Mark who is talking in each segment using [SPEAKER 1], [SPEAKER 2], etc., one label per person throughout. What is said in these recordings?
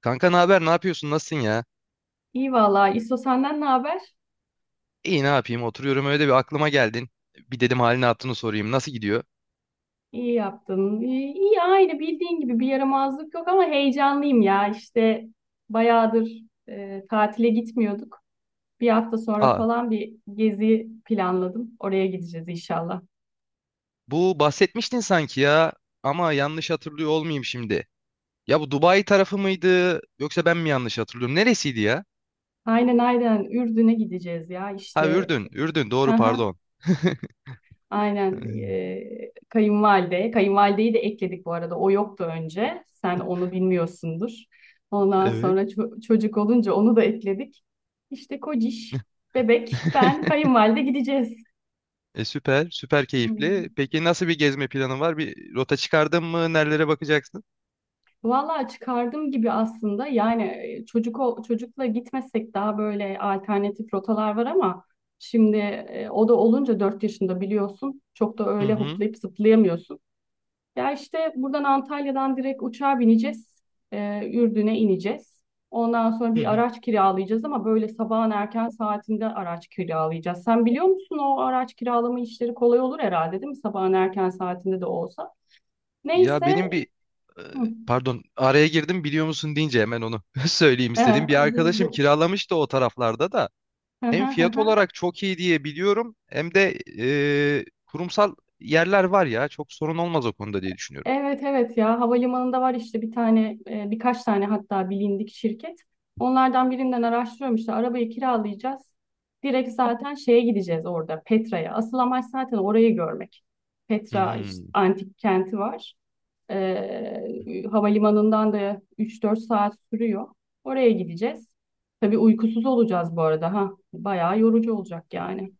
[SPEAKER 1] Kanka ne haber? Ne yapıyorsun? Nasılsın ya?
[SPEAKER 2] İyi vallahi İso senden ne haber?
[SPEAKER 1] İyi ne yapayım? Oturuyorum öyle bir aklıma geldin. Bir dedim halini attığını sorayım. Nasıl gidiyor?
[SPEAKER 2] İyi yaptın. İyi, iyi aynı bildiğin gibi bir yaramazlık yok ama heyecanlıyım ya. İşte bayağıdır tatile gitmiyorduk. Bir hafta sonra
[SPEAKER 1] Aa,
[SPEAKER 2] falan bir gezi planladım. Oraya gideceğiz inşallah.
[SPEAKER 1] bu bahsetmiştin sanki ya. Ama yanlış hatırlıyor olmayayım şimdi. Ya bu Dubai tarafı mıydı? Yoksa ben mi yanlış hatırlıyorum? Neresiydi ya?
[SPEAKER 2] Aynen aynen Ürdün'e gideceğiz ya
[SPEAKER 1] Ha
[SPEAKER 2] işte.
[SPEAKER 1] Ürdün. Ürdün doğru pardon.
[SPEAKER 2] Aynen kayınvalide. Kayınvalideyi de ekledik bu arada. O yoktu önce. Sen onu bilmiyorsundur. Ondan
[SPEAKER 1] Evet.
[SPEAKER 2] sonra çocuk olunca onu da ekledik. İşte kociş, bebek, ben, kayınvalide gideceğiz.
[SPEAKER 1] Süper. Süper
[SPEAKER 2] Hmm.
[SPEAKER 1] keyifli. Peki nasıl bir gezme planın var? Bir rota çıkardın mı? Nerelere bakacaksın?
[SPEAKER 2] Vallahi çıkardım gibi aslında. Yani çocukla gitmesek daha böyle alternatif rotalar var ama şimdi o da olunca 4 yaşında biliyorsun. Çok da
[SPEAKER 1] Hı
[SPEAKER 2] öyle
[SPEAKER 1] hı.
[SPEAKER 2] hoplayıp zıplayamıyorsun. Ya işte buradan Antalya'dan direkt uçağa bineceğiz. Ürdün'e ineceğiz. Ondan sonra
[SPEAKER 1] Hı
[SPEAKER 2] bir
[SPEAKER 1] hı.
[SPEAKER 2] araç kiralayacağız ama böyle sabahın erken saatinde araç kiralayacağız. Sen biliyor musun o araç kiralama işleri kolay olur herhalde değil mi? Sabahın erken saatinde de olsa.
[SPEAKER 1] Ya
[SPEAKER 2] Neyse.
[SPEAKER 1] benim bir e,
[SPEAKER 2] Hı.
[SPEAKER 1] pardon araya girdim biliyor musun deyince hemen onu söyleyeyim istedim. Bir
[SPEAKER 2] Bu,
[SPEAKER 1] arkadaşım
[SPEAKER 2] bu.
[SPEAKER 1] kiralamıştı o taraflarda da. Hem fiyat olarak çok iyi diye biliyorum hem de kurumsal yerler var ya, çok sorun olmaz o konuda diye düşünüyorum.
[SPEAKER 2] Evet evet ya havalimanında var işte bir tane birkaç tane hatta bilindik şirket. Onlardan birinden araştırıyorum işte arabayı kiralayacağız. Direkt zaten şeye gideceğiz orada Petra'ya. Asıl amaç zaten orayı görmek. Petra işte
[SPEAKER 1] Hmm.
[SPEAKER 2] antik kenti var. Havalimanından da üç dört saat sürüyor. Oraya gideceğiz. Tabii uykusuz olacağız bu arada ha. Bayağı yorucu olacak yani.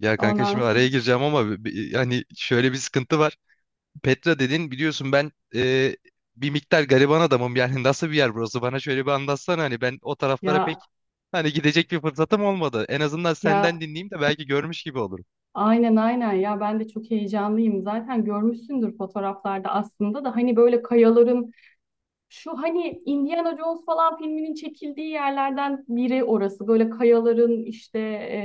[SPEAKER 1] Ya kanka
[SPEAKER 2] Ondan
[SPEAKER 1] şimdi
[SPEAKER 2] sonra
[SPEAKER 1] araya gireceğim ama yani şöyle bir sıkıntı var. Petra dedin biliyorsun ben bir miktar gariban adamım yani nasıl bir yer burası, bana şöyle bir anlatsana. Hani ben o taraflara
[SPEAKER 2] ya
[SPEAKER 1] pek hani gidecek bir fırsatım olmadı. En azından
[SPEAKER 2] ya
[SPEAKER 1] senden dinleyeyim de belki görmüş gibi olurum.
[SPEAKER 2] aynen aynen ya ben de çok heyecanlıyım. Zaten görmüşsündür fotoğraflarda aslında da hani böyle şu hani Indiana Jones falan filminin çekildiği yerlerden biri orası. Böyle kayaların işte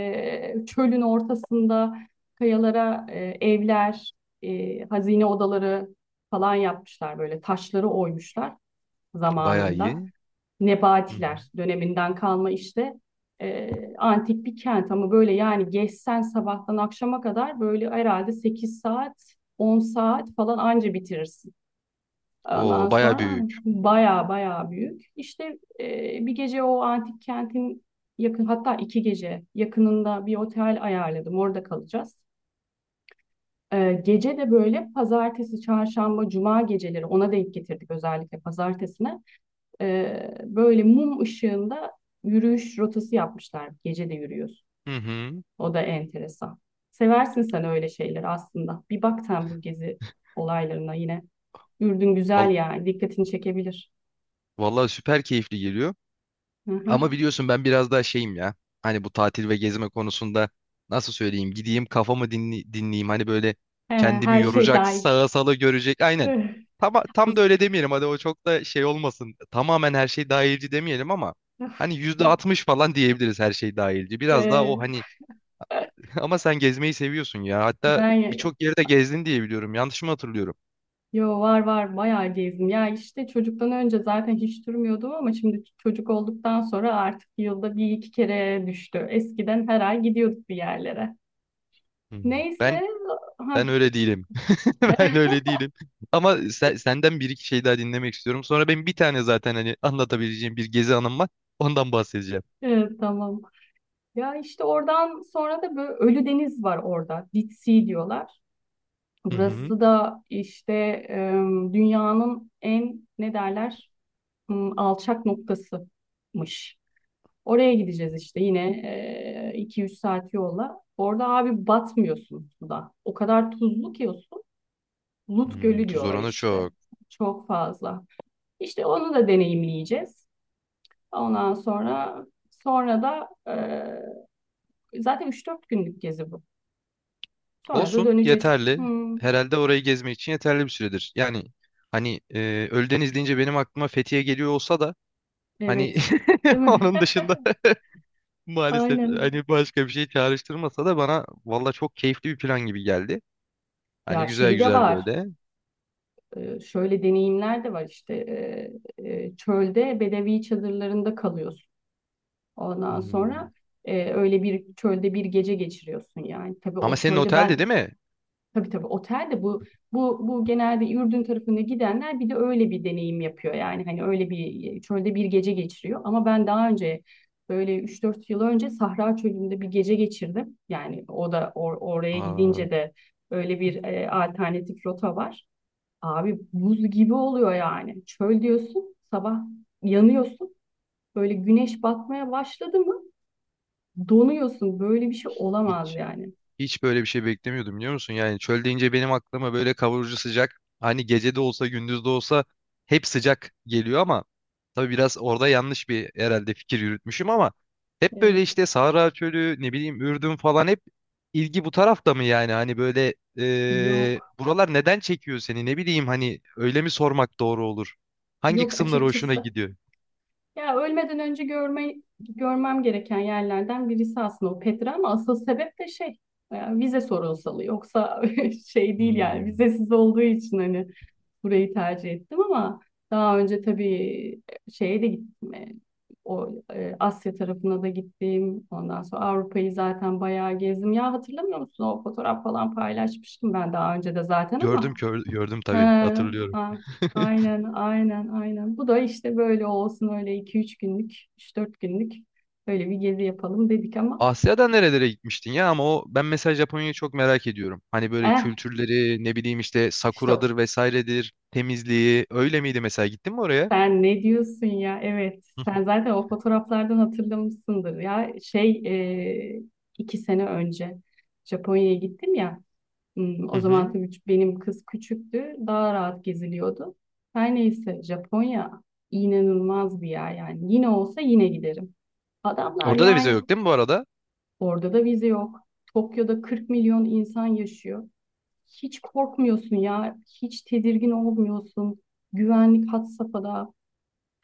[SPEAKER 2] çölün ortasında kayalara evler, hazine odaları falan yapmışlar böyle taşları oymuşlar
[SPEAKER 1] Bayağı
[SPEAKER 2] zamanında.
[SPEAKER 1] iyi. Hı hı.
[SPEAKER 2] Nebatiler döneminden kalma işte antik bir kent ama böyle yani geçsen sabahtan akşama kadar böyle herhalde 8 saat 10 saat falan anca bitirirsin. Ondan
[SPEAKER 1] Oo, bayağı
[SPEAKER 2] sonra
[SPEAKER 1] büyük.
[SPEAKER 2] baya baya büyük. İşte bir gece o antik kentin yakın hatta iki gece yakınında bir otel ayarladım orada kalacağız. E, gece de böyle pazartesi, çarşamba, cuma geceleri ona denk getirdik özellikle pazartesine. Böyle mum ışığında yürüyüş rotası yapmışlar. Gece de yürüyorsun.
[SPEAKER 1] Hı hı.
[SPEAKER 2] O da enteresan. Seversin sen öyle şeyler aslında. Bir bak sen bu gezi olaylarına yine. Ürdün güzel
[SPEAKER 1] Val-
[SPEAKER 2] yani. Dikkatini çekebilir.
[SPEAKER 1] vallahi süper keyifli geliyor.
[SPEAKER 2] Hı hı.
[SPEAKER 1] Ama biliyorsun ben biraz daha şeyim ya. Hani bu tatil ve gezme konusunda nasıl söyleyeyim? Gideyim kafamı dinleyeyim. Hani böyle
[SPEAKER 2] Ee,
[SPEAKER 1] kendimi
[SPEAKER 2] her şey
[SPEAKER 1] yoracak,
[SPEAKER 2] dahil.
[SPEAKER 1] sağa sala görecek. Aynen. Tam, tam da öyle demeyelim. Hadi o çok da şey olmasın. Tamamen her şey dahilci demeyelim ama hani %60 falan diyebiliriz her şey dahilci. Biraz daha o
[SPEAKER 2] Ee,
[SPEAKER 1] hani ama sen gezmeyi seviyorsun ya. Hatta
[SPEAKER 2] ben
[SPEAKER 1] birçok yerde gezdin diye biliyorum. Yanlış mı hatırlıyorum?
[SPEAKER 2] yo var var bayağı gezdim. Ya işte çocuktan önce zaten hiç durmuyordum ama şimdi çocuk olduktan sonra artık yılda bir iki kere düştü. Eskiden her ay gidiyorduk bir yerlere.
[SPEAKER 1] Hmm.
[SPEAKER 2] Neyse,
[SPEAKER 1] Ben Ben
[SPEAKER 2] ha,
[SPEAKER 1] öyle değilim. Ben öyle değilim. Ama senden bir iki şey daha dinlemek istiyorum. Sonra benim bir tane zaten hani anlatabileceğim bir gezi anım var. Ondan bahsedeceğim.
[SPEAKER 2] evet tamam. Ya işte oradan sonra da böyle Ölü Deniz var orada. Dead Sea diyorlar.
[SPEAKER 1] Hı hı.
[SPEAKER 2] Burası da işte dünyanın en ne derler alçak noktasıymış. Oraya gideceğiz işte yine 2-3 saat yolla. Orada abi batmıyorsun suda. O kadar tuzlu ki o su. Lut
[SPEAKER 1] Hmm,
[SPEAKER 2] Gölü
[SPEAKER 1] tuz
[SPEAKER 2] diyorlar
[SPEAKER 1] oranı
[SPEAKER 2] işte.
[SPEAKER 1] çok.
[SPEAKER 2] Çok fazla. İşte onu da deneyimleyeceğiz. Ondan sonra Sonra da Zaten üç dört günlük gezi bu. Sonra da
[SPEAKER 1] Olsun,
[SPEAKER 2] döneceğiz.
[SPEAKER 1] yeterli.
[SPEAKER 2] Hmm,
[SPEAKER 1] Herhalde orayı gezmek için yeterli bir süredir. Yani hani Ölüdeniz deyince benim aklıma Fethiye geliyor olsa da hani
[SPEAKER 2] evet. Değil mi?
[SPEAKER 1] onun dışında maalesef
[SPEAKER 2] Aynen.
[SPEAKER 1] hani başka bir şey çağrıştırmasa da, bana valla çok keyifli bir plan gibi geldi. Hani
[SPEAKER 2] Ya
[SPEAKER 1] güzel
[SPEAKER 2] şey de
[SPEAKER 1] güzel
[SPEAKER 2] var.
[SPEAKER 1] böyle.
[SPEAKER 2] Şöyle deneyimler de var işte. Çölde bedevi çadırlarında kalıyorsun. Ondan
[SPEAKER 1] Hmm.
[SPEAKER 2] sonra öyle bir çölde bir gece geçiriyorsun yani. Tabii
[SPEAKER 1] Ama
[SPEAKER 2] o
[SPEAKER 1] senin
[SPEAKER 2] çölde
[SPEAKER 1] otelde
[SPEAKER 2] ben
[SPEAKER 1] değil mi?
[SPEAKER 2] tabii tabii otel de bu genelde Ürdün tarafına gidenler bir de öyle bir deneyim yapıyor. Yani hani öyle bir çölde bir gece geçiriyor. Ama ben daha önce böyle üç dört yıl önce Sahra Çölü'nde bir gece geçirdim. Yani o da oraya
[SPEAKER 1] Aa,
[SPEAKER 2] gidince de öyle bir alternatif rota var. Abi buz gibi oluyor yani. Çöl diyorsun, sabah yanıyorsun. Böyle güneş batmaya başladı mı donuyorsun. Böyle bir şey olamaz
[SPEAKER 1] hiç
[SPEAKER 2] yani.
[SPEAKER 1] hiç böyle bir şey beklemiyordum biliyor musun? Yani çöl deyince benim aklıma böyle kavurucu sıcak. Hani gece de olsa gündüz de olsa hep sıcak geliyor ama tabii biraz orada yanlış bir herhalde fikir yürütmüşüm ama hep böyle
[SPEAKER 2] Evet,
[SPEAKER 1] işte Sahra Çölü ne bileyim Ürdün falan, hep ilgi bu tarafta mı yani? Hani böyle
[SPEAKER 2] yok.
[SPEAKER 1] buralar neden çekiyor seni, ne bileyim hani öyle mi sormak doğru olur? Hangi
[SPEAKER 2] Yok
[SPEAKER 1] kısımları hoşuna
[SPEAKER 2] açıkçası.
[SPEAKER 1] gidiyor?
[SPEAKER 2] Ya ölmeden önce görme, görmem gereken yerlerden birisi aslında o Petra ama asıl sebep de şey vize sorunsalı. Yoksa şey değil yani
[SPEAKER 1] Hmm.
[SPEAKER 2] vizesiz olduğu için hani burayı tercih ettim ama daha önce tabii şeye de gittim. O Asya tarafına da gittim. Ondan sonra Avrupa'yı zaten bayağı gezdim. Ya hatırlamıyor musun? O fotoğraf falan paylaşmıştım ben daha önce de zaten
[SPEAKER 1] Gördüm
[SPEAKER 2] ama
[SPEAKER 1] gördüm
[SPEAKER 2] he,
[SPEAKER 1] tabii, hatırlıyorum.
[SPEAKER 2] a- aynen aynen aynen. Bu da işte böyle olsun öyle iki üç günlük, üç dört günlük böyle bir gezi yapalım dedik ama
[SPEAKER 1] Asya'da nerelere gitmiştin ya? Ama o, ben mesela Japonya'yı çok merak ediyorum. Hani böyle
[SPEAKER 2] eh
[SPEAKER 1] kültürleri ne bileyim işte
[SPEAKER 2] işte
[SPEAKER 1] sakuradır vesairedir, temizliği öyle miydi mesela, gittin mi oraya?
[SPEAKER 2] sen ne diyorsun ya? Evet.
[SPEAKER 1] Hı
[SPEAKER 2] Sen zaten o fotoğraflardan hatırlamışsındır. Ya şey e, iki sene önce Japonya'ya gittim ya. Hmm,
[SPEAKER 1] hı.
[SPEAKER 2] o zaman
[SPEAKER 1] Hı.
[SPEAKER 2] tabii benim kız küçüktü. Daha rahat geziliyordu. Her neyse Japonya inanılmaz bir yer yani. Yine olsa yine giderim. Adamlar
[SPEAKER 1] Orada da vize
[SPEAKER 2] yani
[SPEAKER 1] yok değil mi bu arada?
[SPEAKER 2] orada da vize yok. Tokyo'da 40 milyon insan yaşıyor. Hiç korkmuyorsun ya, hiç tedirgin olmuyorsun. Güvenlik had safhada,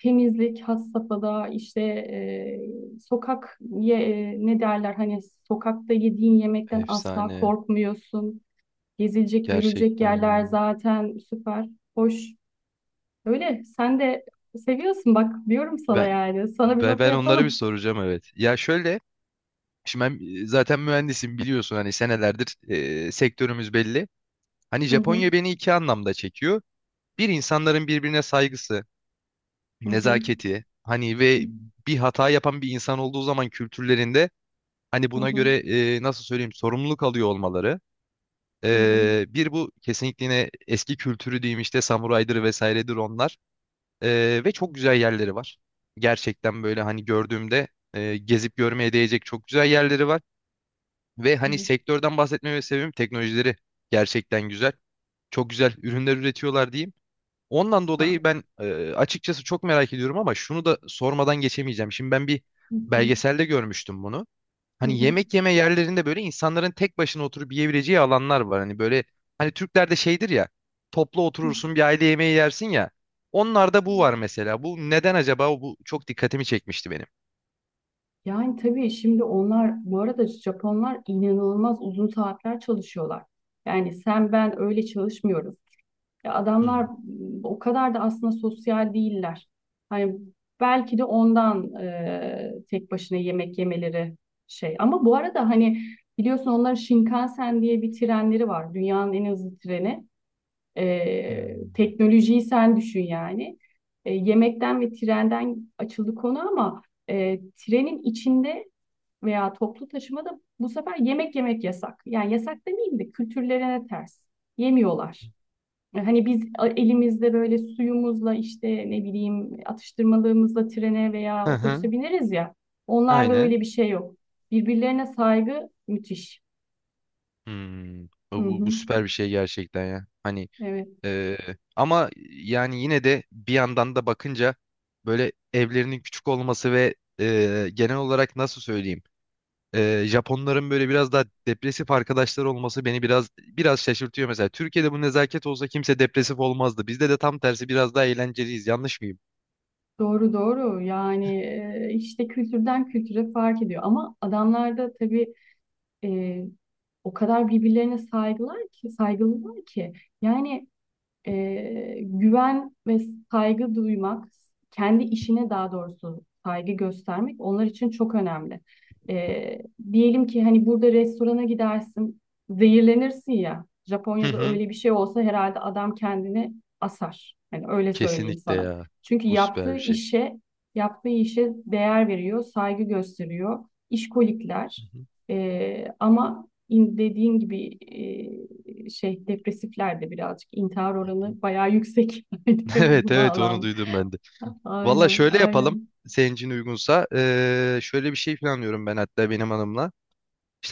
[SPEAKER 2] temizlik had safhada, işte ne derler hani sokakta yediğin yemekten asla
[SPEAKER 1] Efsane.
[SPEAKER 2] korkmuyorsun. Gezilecek, görülecek
[SPEAKER 1] Gerçekten
[SPEAKER 2] yerler
[SPEAKER 1] yani.
[SPEAKER 2] zaten süper, hoş. Öyle, sen de seviyorsun bak diyorum sana
[SPEAKER 1] Ben,
[SPEAKER 2] yani. Sana bir
[SPEAKER 1] ben
[SPEAKER 2] rota
[SPEAKER 1] ben onlara bir
[SPEAKER 2] yapalım.
[SPEAKER 1] soracağım, evet. Ya şöyle, şimdi ben zaten mühendisim biliyorsun, hani senelerdir sektörümüz belli. Hani
[SPEAKER 2] Hı hı,
[SPEAKER 1] Japonya beni iki anlamda çekiyor. Bir, insanların birbirine saygısı,
[SPEAKER 2] hı hı,
[SPEAKER 1] nezaketi hani, ve bir hata yapan bir insan olduğu zaman kültürlerinde hani
[SPEAKER 2] hı
[SPEAKER 1] buna
[SPEAKER 2] hı,
[SPEAKER 1] göre nasıl söyleyeyim, sorumluluk alıyor olmaları.
[SPEAKER 2] hı hı.
[SPEAKER 1] Bir bu, kesinlikle. Yine eski kültürü diyeyim işte, samuraydır vesairedir onlar. Ve çok güzel yerleri var. Gerçekten böyle hani gördüğümde gezip görmeye değecek çok güzel yerleri var. Ve hani
[SPEAKER 2] Evet.
[SPEAKER 1] sektörden bahsetmeme sebebim, teknolojileri gerçekten güzel. Çok güzel ürünler üretiyorlar diyeyim. Ondan
[SPEAKER 2] Ha,
[SPEAKER 1] dolayı ben açıkçası çok merak ediyorum ama şunu da sormadan geçemeyeceğim. Şimdi ben bir
[SPEAKER 2] hı hı,
[SPEAKER 1] belgeselde görmüştüm bunu.
[SPEAKER 2] hı
[SPEAKER 1] Hani
[SPEAKER 2] hı,
[SPEAKER 1] yemek yeme yerlerinde böyle insanların tek başına oturup yiyebileceği alanlar var. Hani böyle, hani Türklerde şeydir ya, toplu
[SPEAKER 2] hı.
[SPEAKER 1] oturursun, bir aile yemeği yersin ya. Onlarda bu var mesela. Bu neden acaba? Bu çok dikkatimi çekmişti benim.
[SPEAKER 2] Yani tabii şimdi onlar bu arada Japonlar inanılmaz uzun saatler çalışıyorlar. Yani sen ben öyle çalışmıyoruz. Ya adamlar
[SPEAKER 1] Hmm.
[SPEAKER 2] o kadar da aslında sosyal değiller. Hani belki de ondan tek başına yemek yemeleri şey. Ama bu arada hani biliyorsun onların Shinkansen diye bir trenleri var. Dünyanın en hızlı treni.
[SPEAKER 1] Hmm.
[SPEAKER 2] Teknolojiyi sen düşün yani. Yemekten ve trenden açıldı konu ama trenin içinde veya toplu taşımada bu sefer yemek yemek yasak. Yani yasak demeyeyim de kültürlerine ters. Yemiyorlar. Hani biz elimizde böyle suyumuzla işte ne bileyim atıştırmalığımızla trene veya
[SPEAKER 1] Hı
[SPEAKER 2] otobüse
[SPEAKER 1] hı,
[SPEAKER 2] bineriz ya. Onlarda öyle
[SPEAKER 1] aynen.
[SPEAKER 2] bir şey yok. Birbirlerine saygı müthiş.
[SPEAKER 1] Hmm.
[SPEAKER 2] Hı
[SPEAKER 1] Bu,
[SPEAKER 2] hı.
[SPEAKER 1] bu süper bir şey gerçekten ya. Hani
[SPEAKER 2] Evet.
[SPEAKER 1] Ee, ama yani yine de bir yandan da bakınca böyle evlerinin küçük olması ve genel olarak nasıl söyleyeyim, Japonların böyle biraz daha depresif arkadaşlar olması beni biraz şaşırtıyor mesela. Türkiye'de bu nezaket olsa kimse depresif olmazdı. Bizde de tam tersi, biraz daha eğlenceliyiz. Yanlış mıyım?
[SPEAKER 2] Doğru doğru yani işte kültürden kültüre fark ediyor ama adamlar da tabii e, o kadar birbirlerine saygılar ki saygılılar ki yani güven ve saygı duymak, kendi işine daha doğrusu saygı göstermek onlar için çok önemli. E, diyelim ki hani burada restorana gidersin, zehirlenirsin ya.
[SPEAKER 1] Hı
[SPEAKER 2] Japonya'da
[SPEAKER 1] hı.
[SPEAKER 2] öyle bir şey olsa herhalde adam kendini asar. Hani öyle söyleyeyim
[SPEAKER 1] Kesinlikle
[SPEAKER 2] sana.
[SPEAKER 1] ya.
[SPEAKER 2] Çünkü
[SPEAKER 1] Bu süper bir şey.
[SPEAKER 2] yaptığı işe değer veriyor, saygı gösteriyor. İşkolikler.
[SPEAKER 1] Hı hı.
[SPEAKER 2] Ama dediğin gibi şey depresiflerde birazcık intihar oranı bayağı yüksek.
[SPEAKER 1] Evet
[SPEAKER 2] bu
[SPEAKER 1] evet, onu
[SPEAKER 2] bağlam.
[SPEAKER 1] duydum ben de. Valla
[SPEAKER 2] Aynen,
[SPEAKER 1] şöyle yapalım.
[SPEAKER 2] aynen.
[SPEAKER 1] Senin için uygunsa. Şöyle bir şey planlıyorum ben, hatta benim hanımla.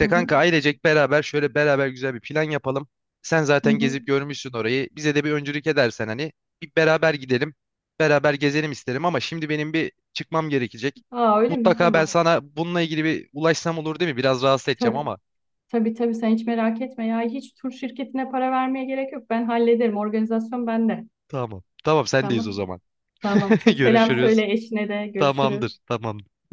[SPEAKER 2] Hı hı,
[SPEAKER 1] kanka, ailecek beraber şöyle beraber güzel bir plan yapalım. Sen
[SPEAKER 2] hı
[SPEAKER 1] zaten
[SPEAKER 2] hı.
[SPEAKER 1] gezip görmüşsün orayı. Bize de bir öncülük edersen hani, bir beraber gidelim. Beraber gezelim isterim ama şimdi benim bir çıkmam gerekecek.
[SPEAKER 2] Aa öyle mi?
[SPEAKER 1] Mutlaka ben
[SPEAKER 2] Tamam.
[SPEAKER 1] sana bununla ilgili bir ulaşsam olur değil mi? Biraz rahatsız edeceğim
[SPEAKER 2] Tabii.
[SPEAKER 1] ama.
[SPEAKER 2] Tabii tabii sen hiç merak etme ya. Hiç tur şirketine para vermeye gerek yok. Ben hallederim. Organizasyon bende.
[SPEAKER 1] Tamam. Tamam, sendeyiz
[SPEAKER 2] Tamam.
[SPEAKER 1] o zaman.
[SPEAKER 2] Tamam. Çok selam
[SPEAKER 1] Görüşürüz.
[SPEAKER 2] söyle eşine de.
[SPEAKER 1] Tamamdır.
[SPEAKER 2] Görüşürüz.
[SPEAKER 1] Tamamdır.